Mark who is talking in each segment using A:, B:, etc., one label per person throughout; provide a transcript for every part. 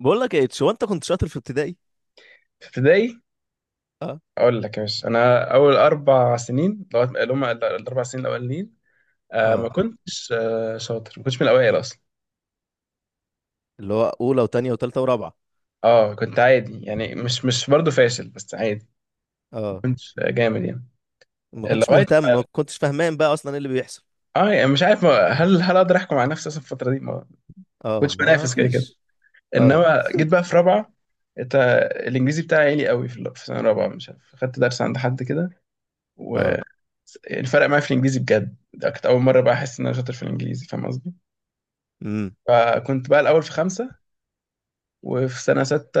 A: بقول لك ايه، هو انت كنت شاطر في ابتدائي؟
B: في ابتدائي.
A: اه.
B: اقول لك يا باشا، انا اول 4 سنين، لغايه اللي هم الاربع سنين الاولانيين ما
A: اه.
B: كنتش شاطر. ما كنتش من الاوائل اصلا.
A: اللي هو اولى وتانية وتالتة ورابعة.
B: اه، كنت عادي، يعني مش برضه فاشل، بس عادي. ما
A: اه.
B: كنتش جامد يعني.
A: ما كنتش
B: لغايه...
A: مهتم، ما كنتش فاهمان بقى اصلا ايه اللي بيحصل.
B: اه يعني مش عارف هل اقدر احكم على نفسي اصلا في الفتره دي؟ ما
A: اه،
B: كنتش
A: ما
B: بنافس كده كده.
A: فيش. اه.
B: انما جيت بقى في رابعه. انت... الانجليزي بتاعي عالي قوي في سنه رابعه، مش عارف، خدت درس عند حد كده.
A: اه.
B: والفرق معايا في الانجليزي بجد، ده كانت اول مره بقى احس ان انا شاطر في الانجليزي، فاهم قصدي.
A: امم.
B: فكنت بقى الأول في خمسة، وفي سنة ستة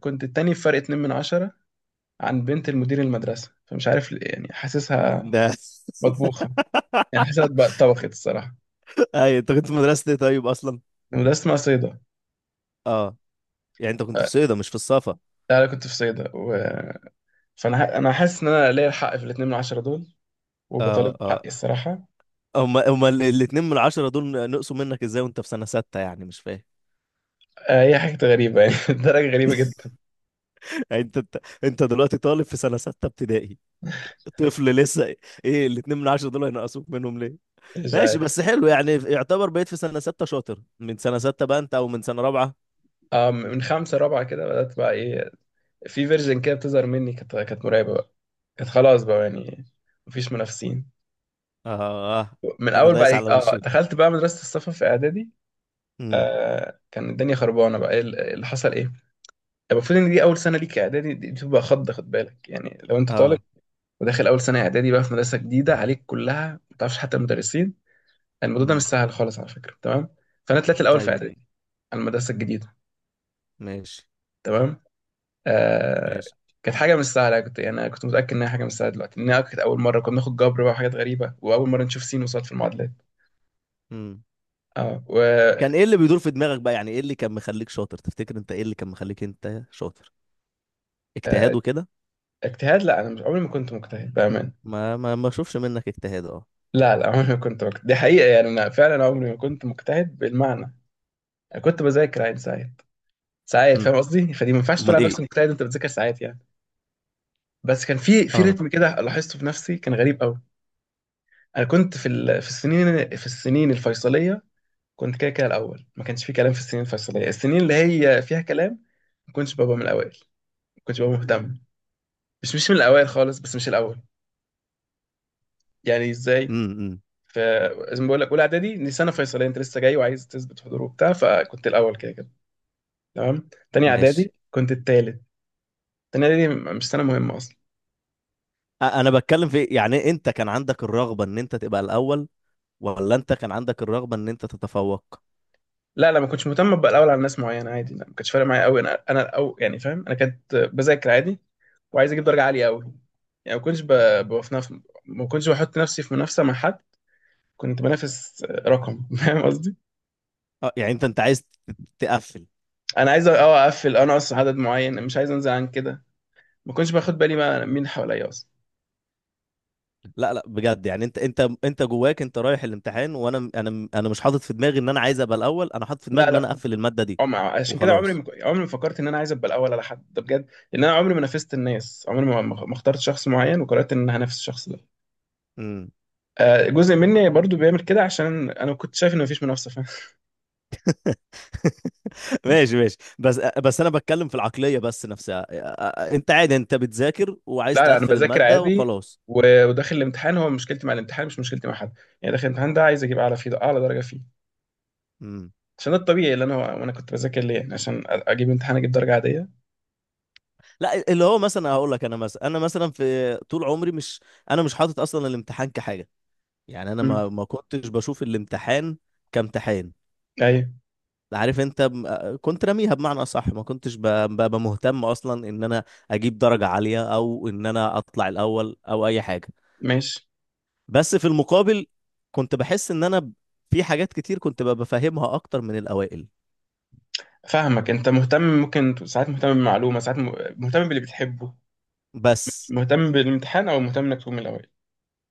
B: كنت التاني بفرق 2 من 10 عن بنت المدير المدرسة، فمش عارف ليه، يعني حاسسها
A: ده.
B: مطبوخة. يعني حاسسها بقى اتطبخت الصراحة.
A: اي انت كنت في مدرسة ايه طيب اصلا؟
B: المدرسة اسمها صيدا.
A: اه. يعني انت كنت في صيدا مش في الصفا؟
B: لا، أنا كنت في صيدا و... أنا حاسس إن أنا ليا الحق في الاتنين من عشرة دول،
A: اه.
B: وبطالب
A: اه.
B: بحقي الصراحة.
A: هما الاتنين من العشرة دول نقصوا منك ازاي وانت في سنة ستة؟ يعني مش فاهم.
B: هي حاجة غريبة يعني. الدرجة غريبة جدا.
A: يعني انت، انت دلوقتي طالب في سنة ستة ابتدائي، طفل لسه. ايه الاتنين من العشرة دول هينقصوك منهم ليه؟
B: مش
A: ماشي،
B: عارف.
A: بس حلو يعني. يعتبر بقيت في سنة ستة شاطر من سنة ستة بقى انت؟ او من سنة رابعة؟
B: من خمسة رابعة كده بدأت بقى إيه، في فيرجن كده بتظهر مني، كانت مرعبة بقى. كانت خلاص بقى يعني، مفيش منافسين.
A: اه. آه.
B: من
A: انا
B: اول
A: دايس
B: بقى
A: على وشكم.
B: دخلت بقى مدرسه السفر في اعدادي.
A: امم.
B: كان الدنيا خربانه، بقى ايه اللي حصل؟ ايه المفروض؟ ان دي اول سنه ليك اعدادي، دي بتبقى خد بالك، يعني لو انت طالب
A: اه.
B: وداخل اول سنه اعدادي بقى في مدرسه جديده عليك كلها، ما تعرفش حتى المدرسين. الموضوع ده مش
A: امم.
B: سهل خالص على فكره، تمام؟ فانا طلعت الاول في
A: ايوه.
B: اعدادي على المدرسه الجديده،
A: ماشي،
B: تمام. آه
A: ماشي.
B: كانت حاجه مش سهله، كنت يعني أنا كنت متاكد انها حاجه مش سهله دلوقتي، انها كانت اول مره كنا بناخد جبر بقى وحاجات غريبه، واول مره نشوف سين وصاد في المعادلات.
A: امم.
B: اه و
A: كان ايه اللي بيدور في دماغك بقى؟ يعني ايه اللي كان مخليك شاطر تفتكر؟ انت ايه اللي كان مخليك انت شاطر؟ اجتهاد
B: آه،
A: وكده؟
B: اجتهاد؟ لا، انا مش... عمري ما كنت مجتهد بامان.
A: ما اشوفش منك اجتهاد، اه.
B: لا لا، عمري ما كنت مجتهد، دي حقيقه. يعني انا فعلا عمري ما كنت مجتهد بالمعنى. انا كنت بذاكر عادي ساعات ساعات،
A: امم.
B: فاهم قصدي؟ فدي ما ينفعش تقول
A: امال
B: على نفسك
A: ايه؟
B: مجتهد انت بتذاكر ساعات يعني. بس كان في
A: اه.
B: رتم كده لاحظته في نفسي، كان غريب قوي. انا كنت في السنين الفيصليه، كنت كده كده الاول، ما كانش في كلام. في السنين الفيصليه، السنين اللي هي فيها كلام، ما كنتش ببقى من الاوائل، ما كنتش ببقى مهتم، مش من الاوائل خالص، بس مش الاول يعني، ازاي؟
A: امم. أمم.
B: فزي ما بقول لك، اولى اعدادي دي سنه فيصليه، انت لسه جاي وعايز تثبت حضور وبتاع، فكنت الاول كده كده، تمام. تاني
A: ماشي.
B: اعدادي كنت التالت. تاني اعدادي مش سنه مهمه اصلا.
A: انا بتكلم في، يعني انت كان عندك الرغبة ان انت تبقى الاول، ولا انت كان عندك الرغبة ان انت تتفوق؟
B: لا لا، ما كنتش مهتم ابقى الاول على ناس معينه، عادي. لا، ما كانش فارق معايا قوي، انا يعني فاهم، انا كنت بذاكر عادي وعايز اجيب درجه عاليه قوي. يعني ما كنتش بف- ما كنتش بحط نفسي في منافسه مع حد، كنت بنافس رقم. فاهم قصدي؟
A: اه. يعني انت عايز تقفل؟
B: انا عايز اقفل، انا اصلا عدد معين مش عايز انزل عن كده. ما كنتش باخد بالي بقى مين حواليا اصلا.
A: لا لا، بجد يعني، انت، انت جواك، انت رايح الامتحان وانا انا انا مش حاطط في دماغي ان انا عايز ابقى الاول. انا حاطط في دماغي
B: لا
A: ان
B: لا.
A: انا اقفل المادة دي
B: اه عشان كده عمري ما
A: وخلاص.
B: ك- عمري ما فكرت ان انا عايز ابقى الاول على حد، ده بجد، لان انا عمري ما نافست الناس. عمري ما اخترت شخص معين وقررت ان انا هنافس الشخص ده.
A: امم.
B: جزء مني برضو بيعمل كده، عشان انا كنت شايف ان مفيش منافسه، فاهم.
A: ماشي، ماشي. بس انا بتكلم في العقلية بس نفسها. انت عادي، انت بتذاكر وعايز
B: لا لا، انا
A: تقفل
B: بذاكر
A: المادة
B: عادي.
A: وخلاص.
B: وداخل الامتحان، هو مشكلتي مع الامتحان مش مشكلتي مع حد. يعني داخل الامتحان ده عايز اجيب اعلى فيه، اعلى درجه فيه.
A: امم.
B: عشان ده الطبيعي اللي انا... وانا كنت بذاكر ليه يعني، عشان اجيب امتحان، اجيب درجه عاديه.
A: لا، اللي هو مثلا هقول لك، انا مثلا، في طول عمري مش، انا مش حاطط اصلا الامتحان كحاجة. يعني انا
B: مم.
A: ما كنتش بشوف الامتحان كامتحان.
B: ايوه.
A: عارف انت، كنت راميها بمعنى اصح. ما كنتش ببقى مهتم اصلا ان انا اجيب درجة عالية او ان انا اطلع الاول او اي حاجة.
B: ماشي.
A: بس في المقابل كنت بحس ان انا، في حاجات كتير كنت ببقى فاهمها اكتر من الاوائل.
B: فاهمك، انت مهتم، ممكن ساعات مهتم بمعلومه، ساعات مهتم باللي بتحبه،
A: بس.
B: مهتم بالامتحان، او مهتم انك تقوم الاول.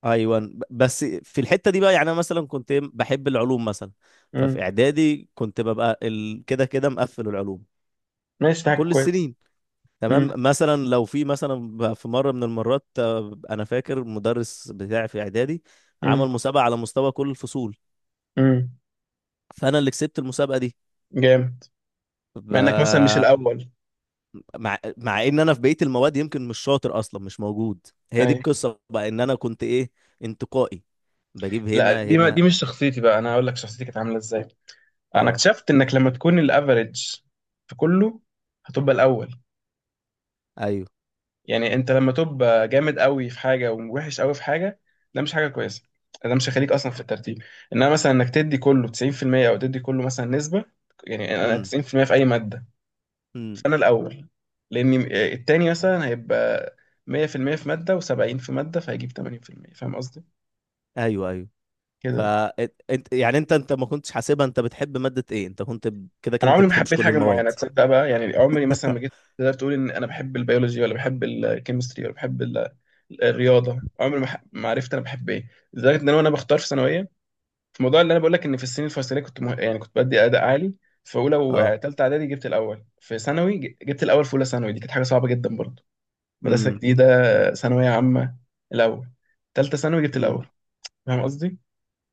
A: ايوه، بس في الحتة دي بقى. يعني انا مثلا كنت بحب العلوم مثلا. ففي
B: امم.
A: اعدادي كنت ببقى كده كده مقفل العلوم
B: ماشي، ده حاجة
A: كل
B: كويس.
A: السنين. تمام.
B: امم.
A: مثلا لو في مثلا، في مره من المرات، انا فاكر المدرس بتاعي في اعدادي
B: امم.
A: عمل مسابقه على مستوى كل الفصول،
B: امم.
A: فانا اللي كسبت المسابقه دي.
B: جامد،
A: ف-
B: مع انك مثلا مش الاول.
A: مع، مع ان انا في بقيه المواد يمكن مش شاطر اصلا، مش موجود. هي دي
B: اي.
A: القصه بقى، ان انا كنت ايه، انتقائي. بجيب
B: لا،
A: هنا هنا.
B: دي مش شخصيتي بقى. انا هقول لك شخصيتي كانت عامله ازاي. انا
A: اه.
B: اكتشفت انك لما تكون الافريج في كله، هتبقى الاول.
A: ايوه.
B: يعني انت لما تبقى جامد قوي في حاجه ووحش قوي في حاجه، ده مش حاجه كويسه، ده مش هيخليك اصلا في الترتيب. انما مثلا انك تدي كله 90%، او تدي كله مثلا نسبه، يعني انا
A: امم.
B: 90% في المية في اي ماده
A: امم.
B: سنة الأول، لأن التاني مثلا هيبقى 100% في المية في مادة و70 في مادة، فهيجيب 80%، فاهم قصدي؟
A: ايوه. ايوه. ف،
B: كده.
A: انت يعني، انت ما كنتش حاسبها انت بتحب ماده ايه؟ انت كنت كده
B: أنا
A: كده انت
B: عمري ما
A: بتحبش
B: حبيت
A: كل
B: حاجة معينة،
A: المواد.
B: تصدق بقى؟ يعني عمري مثلا ما جيت تقدر تقول إن أنا بحب البيولوجي ولا بحب الكيمستري ولا بحب الرياضة. عمري ما عرفت أنا بحب إيه، لدرجة إن أنا وأنا بختار في ثانوية، في موضوع اللي أنا بقول لك إن في السنين الفصلية، كنت يعني كنت بدي أداء عالي. في أولى
A: اه.
B: وتالتة إعدادي جبت الأول. في ثانوي جبت الأول في أولى ثانوي، دي كانت حاجة صعبة جدا برضه. مدرسة
A: امم.
B: جديدة، ثانوية عامة، الأول. تالتة ثانوي جبت
A: امم.
B: الأول، فاهم قصدي؟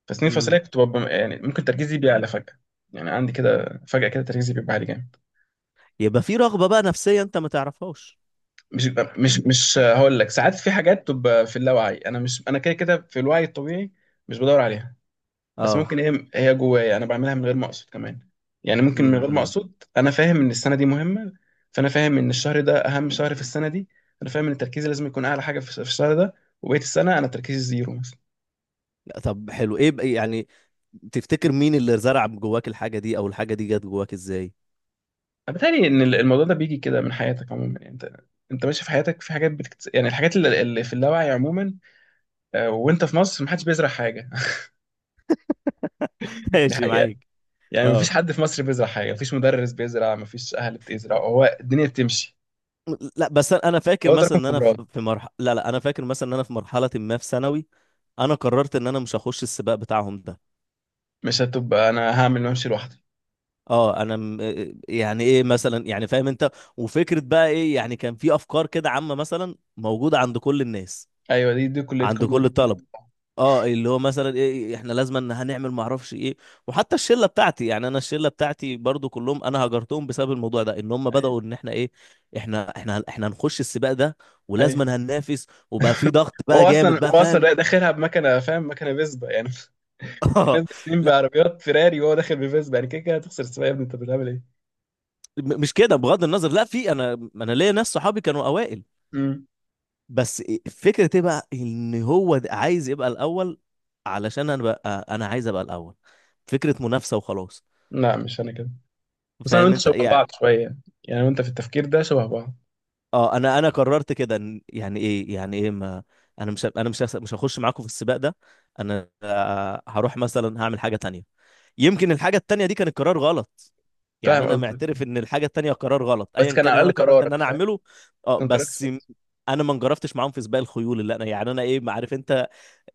B: فسنين فصلية
A: امم.
B: كنت ببقى يعني، ممكن تركيزي بيعلى فجأة، يعني عندي كده فجأة كده تركيزي بيبقى عالي جامد.
A: يبقى في رغبة بقى نفسية انت ما تعرفهاش؟
B: مش مش هقول لك، ساعات في حاجات بتبقى في اللاوعي، أنا مش... أنا كده كده في الوعي الطبيعي، مش بدور عليها، بس
A: اه.
B: ممكن هي جوايا أنا بعملها من غير ما أقصد كمان. يعني ممكن من
A: امم.
B: غير ما
A: امم.
B: أقصد أنا فاهم إن السنة دي مهمة، فأنا فاهم إن الشهر ده أهم شهر في السنة دي، أنا فاهم إن تركيزي لازم يكون أعلى حاجة في الشهر ده، وبقية السنة أنا تركيزي زيرو.
A: لا، طب حلو. ايه بقى يعني تفتكر مين اللي زرع جواك الحاجة دي، او الحاجة دي جت جواك ازاي؟
B: بتهيألي ان الموضوع ده بيجي كده من حياتك عموما، يعني انت ماشي في حياتك، في حاجات يعني الحاجات اللي في اللاوعي عموما. وانت في مصر محدش بيزرع حاجه. دي
A: ماشي
B: حقيقه.
A: معاك.
B: يعني مفيش
A: اه.
B: حد في مصر بيزرع حاجه، مفيش مدرس بيزرع، مفيش اهل بتزرع، هو الدنيا بتمشي،
A: لا، بس انا، فاكر
B: هو
A: مثلا
B: تراكم
A: ان انا
B: خبرات.
A: في، مرحله، لا لا، انا فاكر مثلا ان انا في مرحله ما في ثانوي، انا قررت ان انا مش هخش السباق بتاعهم ده.
B: مش هتبقى، انا هعمل وامشي لوحدي.
A: اه انا يعني ايه مثلا، يعني فاهم انت. وفكره بقى، ايه يعني، كان في افكار كده عامه مثلا موجوده عند كل الناس،
B: ايوه، دي
A: عند
B: كليتكم
A: كل
B: ودي
A: الطلبه.
B: كليتكم.
A: اه، اللي هو مثلا ايه، احنا لازم ان هنعمل ما اعرفش ايه. وحتى الشله بتاعتي، يعني انا الشله بتاعتي برضو كلهم انا هجرتهم بسبب الموضوع ده، ان هم
B: ايوه،
A: بداوا ان احنا ايه، احنا هنخش السباق ده، ولازم إن
B: ايوه.
A: هننافس، وبقى في ضغط بقى
B: هو اصلا،
A: جامد بقى، فاهم.
B: داخلها بمكنه، فاهم، مكنه فيسبا يعني. في ناس داخلين
A: لا،
B: بعربيات فيراري وهو داخل بفيسبا، يعني كده كده هتخسر السباق يا ابني، انت بتعمل
A: مش كده، بغض النظر. لا، في، انا، ليا ناس صحابي كانوا اوائل،
B: ايه؟
A: بس فكره ايه بقى، ان هو ده عايز يبقى الاول، علشان انا بقى انا عايز ابقى الاول، فكره منافسه وخلاص.
B: لا، مش انا كده. بس انا
A: فاهم
B: وانت
A: انت.
B: شبه بعض شويه، يعني وانت في التفكير ده شبه بعض.
A: اه، انا قررت كده يعني ايه، يعني ايه ما، انا مش، هخش معاكم في السباق ده. انا هروح مثلا هعمل حاجه تانية. يمكن الحاجه التانية دي كان القرار غلط، يعني
B: فاهم
A: انا
B: قصدك.
A: معترف ان الحاجه التانية قرار غلط
B: بس
A: ايا
B: كان
A: كان
B: على
A: اللي انا
B: الاقل
A: قررت ان
B: قرارك
A: انا
B: فاهم،
A: اعمله. اه
B: كان قرارك
A: بس
B: صح.
A: انا ما انجرفتش معاهم في سباق الخيول، اللي انا يعني انا ايه، ما عارف انت،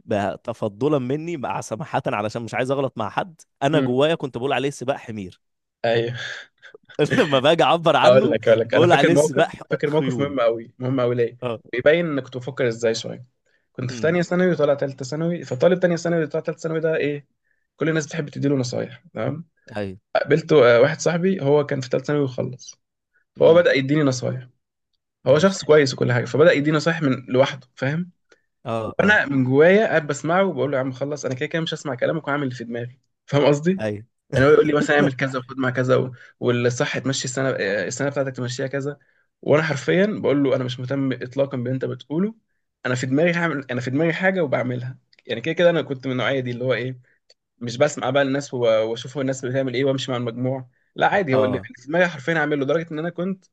A: تفضلا مني مع سماحه علشان مش عايز اغلط مع حد. انا
B: امم.
A: جوايا كنت بقول عليه سباق حمير.
B: ايوه.
A: لما باجي اعبر
B: اقول
A: عنه
B: لك اقول لك انا
A: بقول
B: فاكر
A: عليه سباق
B: موقف، فاكر موقف
A: خيول.
B: مهم قوي، مهم قوي ليه. ويبين انك كنت بفكر ازاي شويه. كنت في
A: اه.
B: تانية ثانوي وطالع تالتة ثانوي، فطالب تانية ثانوي اللي طالع تالتة ثانوي ده ايه؟ كل الناس بتحب تديله نصايح، تمام؟
A: ايوه.
B: قابلت واحد صاحبي، هو كان في تالتة ثانوي وخلص، فهو
A: امم.
B: بدأ يديني نصايح. هو
A: ماشي.
B: شخص كويس وكل حاجه، فبدأ يديني نصايح من لوحده، فاهم.
A: اه. اه.
B: فانا من جوايا قاعد بسمعه وبقول له يا عم خلص، انا كده كده مش هسمع كلامك وهعمل اللي في دماغي، فاهم قصدي.
A: ايوه.
B: يعني هو يقول لي مثلا اعمل كذا وخد مع كذا والصح تمشي السنه بتاعتك تمشيها كذا. وانا حرفيا بقول له انا مش مهتم اطلاقا باللي انت بتقوله. انا في دماغي حاجه وبعملها. يعني كده كده انا كنت من النوعيه دي اللي هو ايه، مش بسمع بقى الناس واشوف هو الناس بتعمل ايه وامشي مع المجموع. لا عادي، هو اللي
A: اه،
B: في دماغي حرفيا هعمله، لدرجه ان انا كنت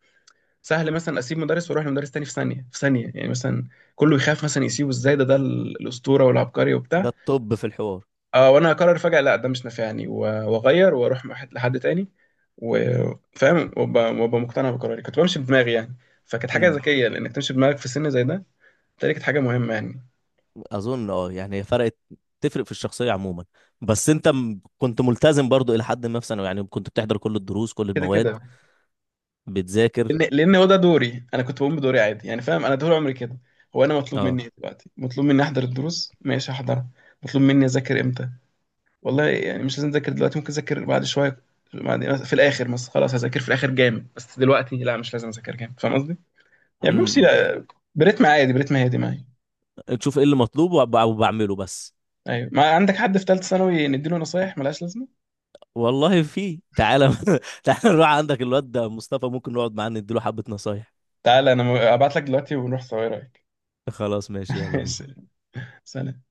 B: سهل مثلا اسيب مدرس واروح لمدرس تاني في ثانيه، في ثانيه يعني، مثلا كله يخاف مثلا يسيبه ازاي، ده الاسطوره والعبقري
A: ده
B: وبتاع.
A: الطب في الحوار.
B: اه وانا اقرر فجاه لا، ده مش نافعني واغير واروح مع لحد تاني، وفاهم وأبقى مقتنع بقراري، كنت بمشي بدماغي يعني، فكانت حاجه
A: امم.
B: ذكيه لانك تمشي بدماغك في سن زي ده. دي كانت حاجه مهمه يعني.
A: اظن اه، يعني هي فرقت، تفرق في الشخصيه عموما. بس انت كنت ملتزم برضو الى حد ما في ثانوي، يعني كنت بتحضر كل الدروس، كل
B: كده
A: المواد،
B: كده.
A: بتذاكر.
B: لان هو ده دوري، انا كنت بقوم بدوري عادي يعني، فاهم؟ انا طول عمري كده. هو انا مطلوب مني
A: اه.
B: إيه دلوقتي؟ مطلوب مني احضر الدروس، ماشي، احضرها. مطلوب مني اذاكر امتى؟ والله يعني مش لازم اذاكر دلوقتي، ممكن اذاكر بعد شويه، بعد في الاخر مثلا، خلاص هذاكر في الاخر جامد، بس دلوقتي لا مش لازم اذاكر جامد، فاهم قصدي. يعني بمشي
A: امم.
B: برتم عادي، برتم هادي معايا.
A: تشوف ايه اللي مطلوب وبعمله بس.
B: ايوه، ما عندك حد في ثالثه ثانوي نديله نصايح ملهاش لازمه؟
A: والله في، تعالى. تعالى نروح عندك الواد ده مصطفى، ممكن نقعد معاه نديله حبه نصايح.
B: تعالى انا ابعت لك دلوقتي ونروح سوا، ايه رايك؟
A: خلاص، ماشي، يلا بينا.
B: ماشي. سلام.